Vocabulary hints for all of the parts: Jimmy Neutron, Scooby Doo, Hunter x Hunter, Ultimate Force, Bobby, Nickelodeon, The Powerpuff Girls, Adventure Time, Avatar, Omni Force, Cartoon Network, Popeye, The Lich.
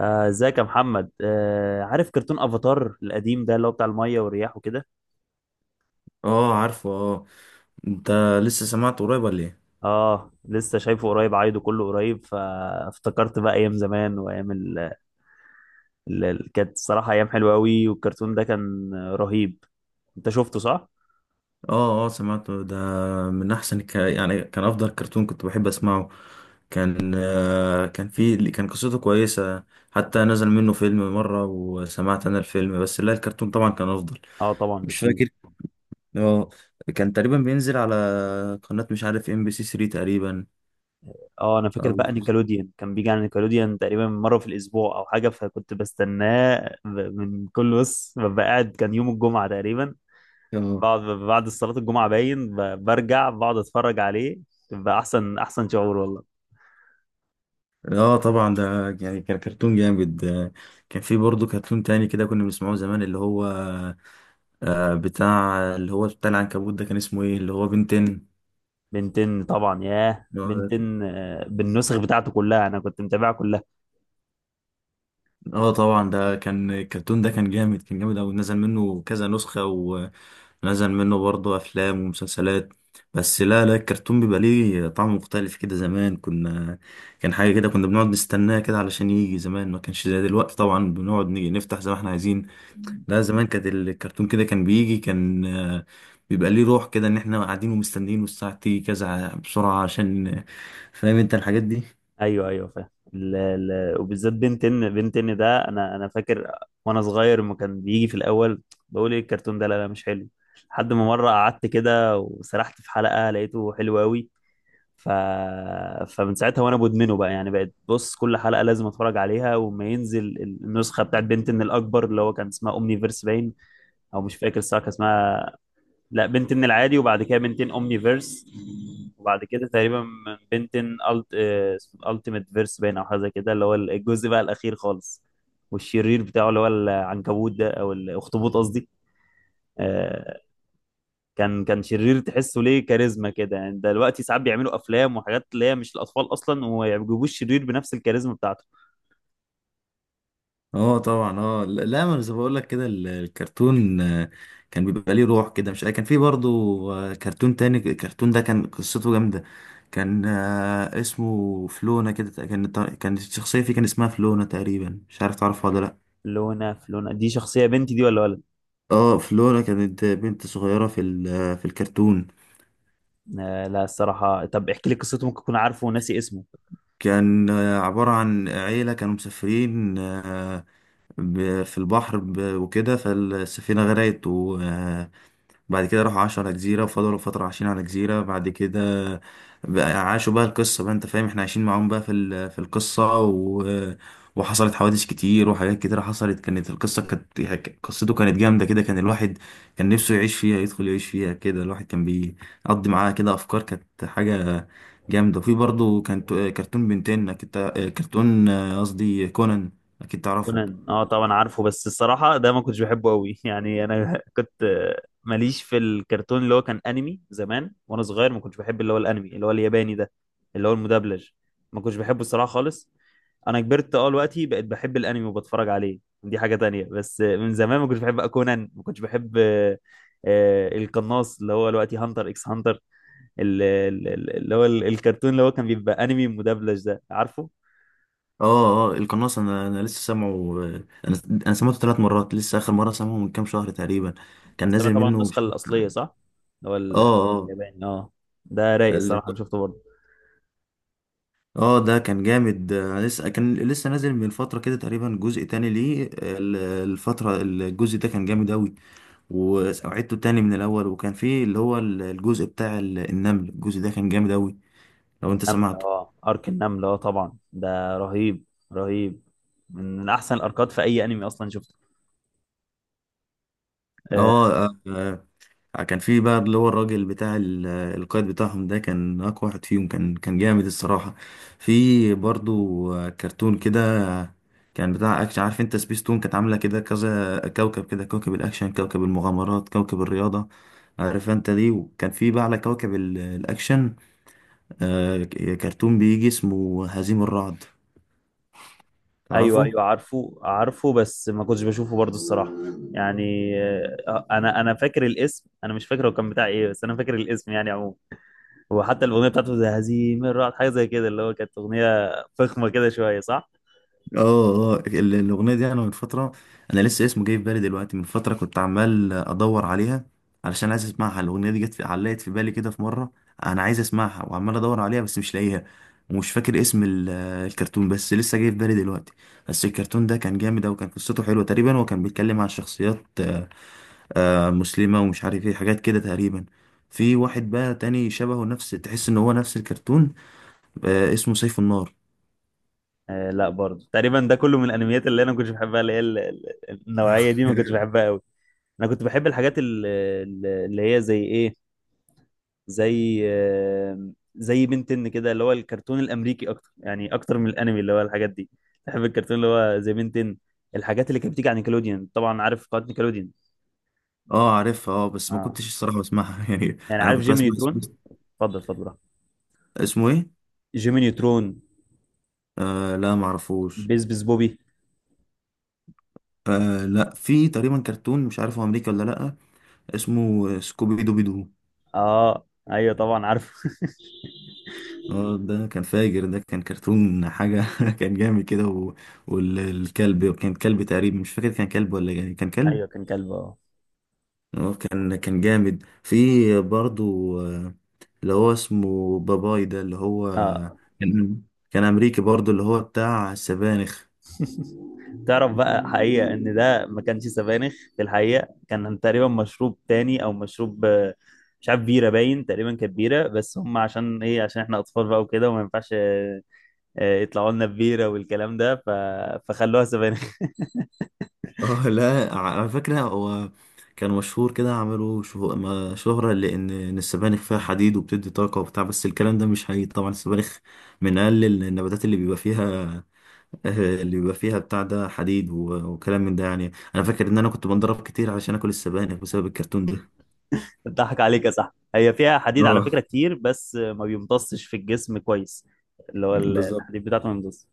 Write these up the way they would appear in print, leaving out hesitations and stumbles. ازيك يا محمد، عارف كرتون افاتار القديم ده اللي هو بتاع الميه والرياح وكده؟ اه، عارفه، اه. انت لسه سمعته قريب ولا ايه؟ اه، لسه شايفه قريب، عايده كله قريب فافتكرت بقى ايام زمان وايام كانت الصراحه ايام حلوه قوي، والكرتون ده كان رهيب. انت شفته، صح؟ اه، اه، سمعته ده. من يعني كان افضل كرتون كنت بحب اسمعه. كان آه كان في كان قصته كويسة. حتى نزل منه فيلم مرة وسمعت انا الفيلم، بس لا، الكرتون طبعا كان افضل. اه طبعا، مش بكتير. فاكر. اه، كان تقريبا بينزل على قناة، مش عارف، ام بي سي 3 تقريبا، اه، انا فاكر او بقى نيكلوديان كان بيجي على نيكلوديان تقريبا مره في الاسبوع او حاجه، فكنت بستناه من كل، بص، ببقى قاعد، كان يوم الجمعه تقريبا. اه بعد صلاة الجمعة باين، برجع بقعد اتفرج عليه. بيبقى احسن احسن شعور والله. اه طبعا ده، يعني كان كرتون جامد. كان في برضه كرتون تاني كده كنا بنسمعه زمان، اللي هو بتاع، اللي هو بتاع العنكبوت ده، كان اسمه ايه؟ اللي هو بنتين. بنتين طبعا، ياه اللي هو ده كان- بنتين، بالنسخ بتاعته كلها انا كنت متابعها كلها. اه، طبعا، ده كان الكرتون، ده كان جامد، كان جامد اوي، نزل منه كذا نسخة، ونزل منه برضه افلام ومسلسلات. بس لا لا، الكرتون بيبقى ليه طعم مختلف كده. زمان كنا، كان حاجة كده، كنا بنقعد نستناه كده علشان يجي. زمان ما كانش زي دلوقتي طبعا بنقعد نيجي نفتح زي ما احنا عايزين. لا، زمان كانت الكرتون كده كان بيجي، كان آه، بيبقى ليه روح كده، ان احنا قاعدين ومستنيين والساعة تيجي كذا، بسرعة عشان فاهم انت الحاجات دي؟ ايوه ايوه فاهم، وبالذات بنتين بنتين ده انا فاكر، وانا صغير لما كان بيجي في الاول بقول ايه الكرتون ده؟ لا لا، مش حلو. لحد ما مرة قعدت كده وسرحت في حلقة لقيته حلو قوي. ف... فمن ساعتها وانا مدمنه بقى، يعني بقيت بص كل حلقه لازم اتفرج عليها، وما ينزل النسخه بتاعت بنتن الاكبر اللي هو كان اسمها اومني فيرس باين، او مش فاكر الصراحه كان اسمها. لا، بنتن العادي، وبعد كده بنتن اومني فيرس. وبعد كده تقريبا من بنتن التيميت فيرس باين او حاجه زي كده، اللي هو الجزء بقى الاخير خالص. والشرير بتاعه اللي هو العنكبوت ده، او الاخطبوط قصدي. آه، كان شرير تحسه ليه كاريزما كده، يعني دلوقتي ساعات بيعملوا افلام وحاجات اللي هي مش الاطفال اصلا، وما بيجيبوش شرير بنفس الكاريزما بتاعته. اه طبعا، اه، لا لا، ما انا زي ما بقول لك كده الكرتون، كان بيبقى ليه روح كده. مش كان في برضو كرتون تاني، الكرتون ده كان قصته جامدة. كان آه، اسمه فلونة كده، كان الشخصية فيه كان اسمها فلونة تقريبا، مش عارف تعرفها ولا لا؟ لونا؟ فلونا دي شخصيه بنتي دي ولا ولد؟ اه، فلورا كانت بنت صغيرة في الكرتون. آه لا الصراحه، طب احكي لي قصته، ممكن اكون عارفه وناسي اسمه. كان آه، عبارة عن عيلة كانوا مسافرين، في البحر، وكده، فالسفينة غرقت و آه، بعد كده راحوا عاشوا على جزيرة، وفضلوا فترة عايشين على جزيرة. بعد كده بقى عاشوا بقى، القصة بقى انت فاهم، احنا عايشين معاهم بقى في القصة، وحصلت حوادث كتير وحاجات كتيرة حصلت. كانت القصة كانت قصته كانت جامدة كده، كان الواحد كان نفسه يعيش فيها، يدخل يعيش فيها كده، الواحد كان بيقضي معاها كده أفكار. كانت حاجة جامدة. وفي برضه كان كرتون بنتين، أكيد كرتون، قصدي كونان، أكيد تعرفه. كونان؟ اه طبعا عارفه، بس الصراحه ده ما كنتش بحبه قوي يعني انا كنت ماليش في الكرتون اللي هو كان انمي، زمان وانا صغير ما كنتش بحب اللي هو الانمي اللي هو الياباني ده، اللي هو المدبلج. ما كنتش بحبه الصراحه خالص. انا كبرت، اه دلوقتي بقيت بحب الانمي وبتفرج عليه، دي حاجه تانية، بس من زمان ما كنتش بحب كونان، ما كنتش بحب القناص اللي هو دلوقتي هانتر اكس هانتر، اللي هو الكرتون اللي هو كان بيبقى انمي مدبلج ده، عارفه؟ اه، اه، القناص، انا لسه سامعه. آه، انا انا سمعته 3 مرات، لسه اخر مره سامعه من كام شهر تقريبا. كان بس انا نازل طبعا منه، مش النسخه عارف- الاصليه، صح؟ اللي هو اه، اه، الياباني، اه. ده رايق ال- الصراحه، انا شفته برضه. اه ده كان جامد. انا لسه، كان لسه نازل من فتره كده تقريبا، جزء تاني ليه. آه، ال- الفتره الجزء ده كان جامد اوي، وعدته تاني من الاول، وكان فيه اللي هو الجزء بتاع النمل، الجزء ده كان جامد اوي لو انت النمل؟ سمعته. اه ارك النمل، اه طبعا ده رهيب. رهيب. من احسن الاركات في اي انمي اصلا شفته. آه. اه، كان في بقى اللي هو الراجل بتاع القائد بتاعهم، ده كان اقوى واحد فيهم، كان جامد الصراحة. في برضو كرتون كده كان بتاع اكشن. عارف انت سبيستون؟ كانت عاملة كده كذا كوكب، كده كوكب الاكشن، كوكب المغامرات، كوكب الرياضة، عارف انت دي. وكان في بقى على كوكب الاكشن، آه، كرتون بيجي اسمه هزيم الرعد، ايوه تعرفه؟ ايوه عارفه عارفه، بس ما كنتش بشوفه برضه الصراحه، يعني. انا فاكر الاسم، انا مش فاكر هو كان بتاع ايه، بس انا فاكر الاسم يعني عموما. وحتى الاغنيه بتاعته زي هزيم الرعد حاجه زي كده، اللي هو كانت اغنيه فخمه كده شويه، صح؟ اه، اه، الاغنيه دي انا من فتره، انا لسه اسمه جاي في بالي دلوقتي. من فتره كنت عمال ادور عليها علشان عايز اسمعها، الاغنيه دي جت في، علقت في بالي كده في مره. انا عايز اسمعها وعمال ادور عليها بس مش لاقيها. ومش فاكر اسم الكرتون، بس لسه جاي في بالي دلوقتي. بس الكرتون ده كان جامد أوي، وكان قصته حلوه تقريبا، وكان بيتكلم عن شخصيات مسلمه، ومش عارف ايه، حاجات كده تقريبا. في واحد بقى تاني شبهه، نفس، تحس ان هو نفس الكرتون، اسمه سيف النار. آه لا، برضه تقريبا ده كله من الانميات اللي انا ما كنتش بحبها، اللي هي النوعيه دي ما كنتش بحبها قوي. انا كنت بحب الحاجات اللي هي زي ايه، زي زي بنتن كده اللي هو الكرتون الامريكي اكتر، يعني اكتر من الانمي اللي هو الحاجات دي. بحب الكرتون اللي هو زي بنتن، الحاجات اللي كانت بتيجي عن نيكلوديان. طبعا عارف قناه نيكلوديان؟ اه عارفها، اه، بس ما اه. كنتش الصراحة بسمعها. يعني يعني انا عارف كنت جيمي بسمع اسمه. نيوترون؟ اتفضل اتفضل براحتك. اسمه ايه؟ جيمي نيوترون. آه لا، ما اعرفوش. بيس بيس بوبي. آه لا، في تقريبا كرتون مش عارف هو امريكي ولا لا، اسمه سكوبي دوبي دو. اه، ايوه طبعا عارفه اه، ده كان فاجر، ده كان كرتون حاجة. كان جامد كده والكلب كان كلب تقريبا، مش فاكر كان كلب ولا، يعني كان كلب. ايوه كان كلب، اه. اه، كان جامد. في برضو اللي هو اسمه باباي ده، اللي هو اه. كان كان امريكي برضو، اللي هو بتاع السبانخ. تعرف بقى حقيقة ان ده ما كانش سبانخ في الحقيقة؟ كان تقريبا مشروب تاني، او مشروب مش عارف، بيرة باين تقريبا كانت بيرة، بس هم عشان ايه؟ عشان احنا اطفال بقى وكده وما ينفعش يطلعوا لنا ببيرة والكلام ده. فخلوها سبانخ. اه لا، على فكرة هو كان مشهور كده، عملوا شهرة، لأن إن السبانخ فيها حديد وبتدي طاقة وبتاع، بس الكلام ده مش حقيقي طبعا. السبانخ من أقل النباتات اللي بيبقى فيها. اللي بيبقى فيها بتاع ده حديد وكلام من ده. يعني أنا فاكر إن أنا كنت بنضرب كتير علشان آكل السبانخ بسبب الكرتون ده. بتضحك عليك يا صاحبي، هي فيها حديد على فكرة اه كتير، بس ما بيمتصش في الجسم كويس. اللي هو بالظبط. الحديد بتاعته ما بيمتصش.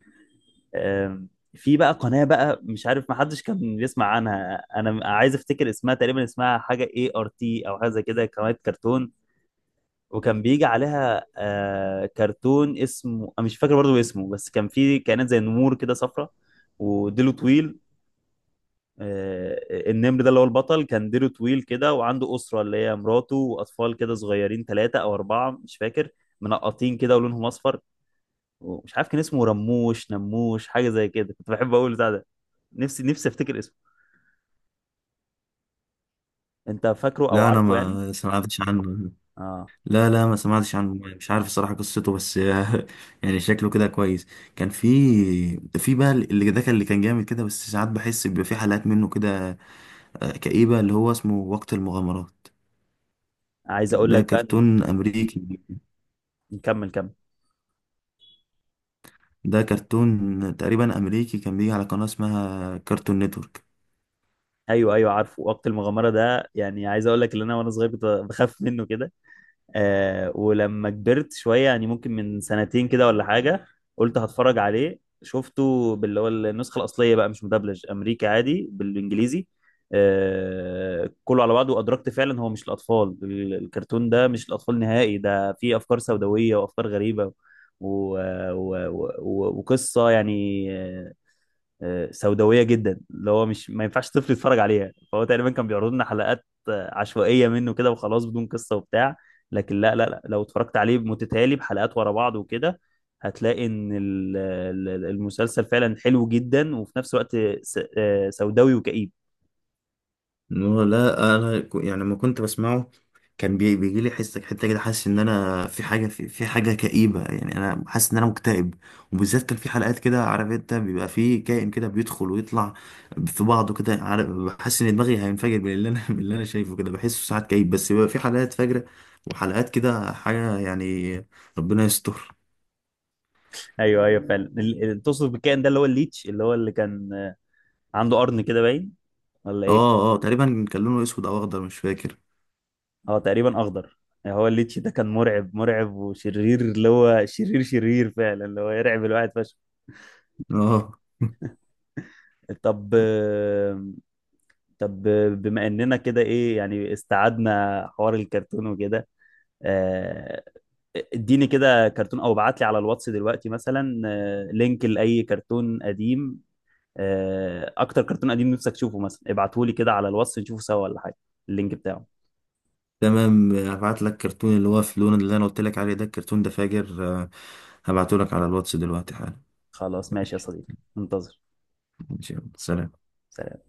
آم، في بقى قناة، بقى مش عارف ما حدش كان بيسمع عنها، انا عايز افتكر اسمها، تقريبا اسمها حاجة ART او حاجة زي كده، قناة كرتون. وكان بيجي عليها كرتون اسمه، أنا مش فاكر برضو اسمه، بس كان في كائنات زي نمور كده صفرة وديله طويل. النمر ده اللي هو البطل كان ديله طويل كده، وعنده أسرة اللي هي مراته وأطفال كده صغيرين، ثلاثة أو أربعة مش فاكر، منقطين كده ولونهم أصفر. ومش عارف كان اسمه رموش نموش حاجة زي كده، كنت بحب أقول بتاع ده. نفسي نفسي افتكر اسمه. انت فاكره او لا، أنا عارفه يعني؟ ما سمعتش عنه. اه. لا لا، ما سمعتش عنه، مش عارف الصراحة قصته، بس يعني شكله كده كويس. كان في، في بقى اللي ده كان، اللي كان جامد كده، بس ساعات بحس بيبقى في حلقات منه كده كئيبة، اللي هو اسمه وقت المغامرات. عايز اقول ده لك بقى. كرتون أمريكي، نكمل، كمل. ده كرتون تقريبا أمريكي كان بيجي على قناة اسمها كارتون نتورك. ايوه ايوه عارفه وقت المغامره ده، يعني عايز اقول لك ان انا وانا صغير كنت بخاف منه كده. ولما كبرت شوية، يعني ممكن من سنتين كده ولا حاجة، قلت هتفرج عليه. شفته باللي هو النسخة الأصلية بقى، مش مدبلج، أمريكي عادي بالإنجليزي. كله على بعضه، وأدركت فعلا هو مش الأطفال، الكرتون ده مش الأطفال نهائي، ده فيه أفكار سوداوية وأفكار غريبة. و... وقصة يعني، سوداويه جدا اللي هو مش، ما ينفعش طفل يتفرج عليها، فهو تقريبا كان بيعرض لنا حلقات عشوائيه منه كده وخلاص، بدون قصه وبتاع. لكن لا لا لا، لو اتفرجت عليه متتالي بحلقات ورا بعض وكده هتلاقي ان المسلسل فعلا حلو جدا، وفي نفس الوقت سوداوي وكئيب. هو لا، يعني لما كنت بسمعه كان بيجي لي حس حته كده، حاسس ان انا في حاجه، في حاجه كئيبه، يعني انا حاسس ان انا مكتئب. وبالذات كان في حلقات كده، عارف انت، بيبقى في كائن كده بيدخل ويطلع في بعضه كده، عارف، بحس ان دماغي هينفجر من اللي انا من اللي انا شايفه كده، بحسه ساعات كئيب. بس بيبقى في حلقات فجره، وحلقات كده حاجه، يعني ربنا يستر. ايوه ايوه فعلا، تقصد بالكائن ده اللي هو الليتش، اللي هو اللي كان عنده قرن كده باين، ولا ايه؟ اه، اه، تقريبا كان لونه اسود او اخضر، مش فاكر. اه تقريبا اخضر. يعني هو الليتش ده كان مرعب مرعب وشرير، اللي هو شرير شرير فعلا، اللي هو يرعب الواحد فشخ. اه طب. طب. بما اننا كده ايه، يعني استعدنا حوار الكرتون وكده، آه، اديني كده كرتون او ابعت لي على الواتس دلوقتي مثلا لينك لاي كرتون قديم. اكتر كرتون قديم نفسك تشوفه مثلا ابعته لي كده على الواتس نشوفه سوا، ولا حاجة. اللينك بتاعه. تمام، هبعت لك كرتون اللي هو في لون اللي انا قلت لك عليه ده، الكرتون ده فاجر. هبعته لك على الواتس دلوقتي حالا. خلاص ماشي يا صديقي، منتظر. ماشي يلا، سلام. سلام.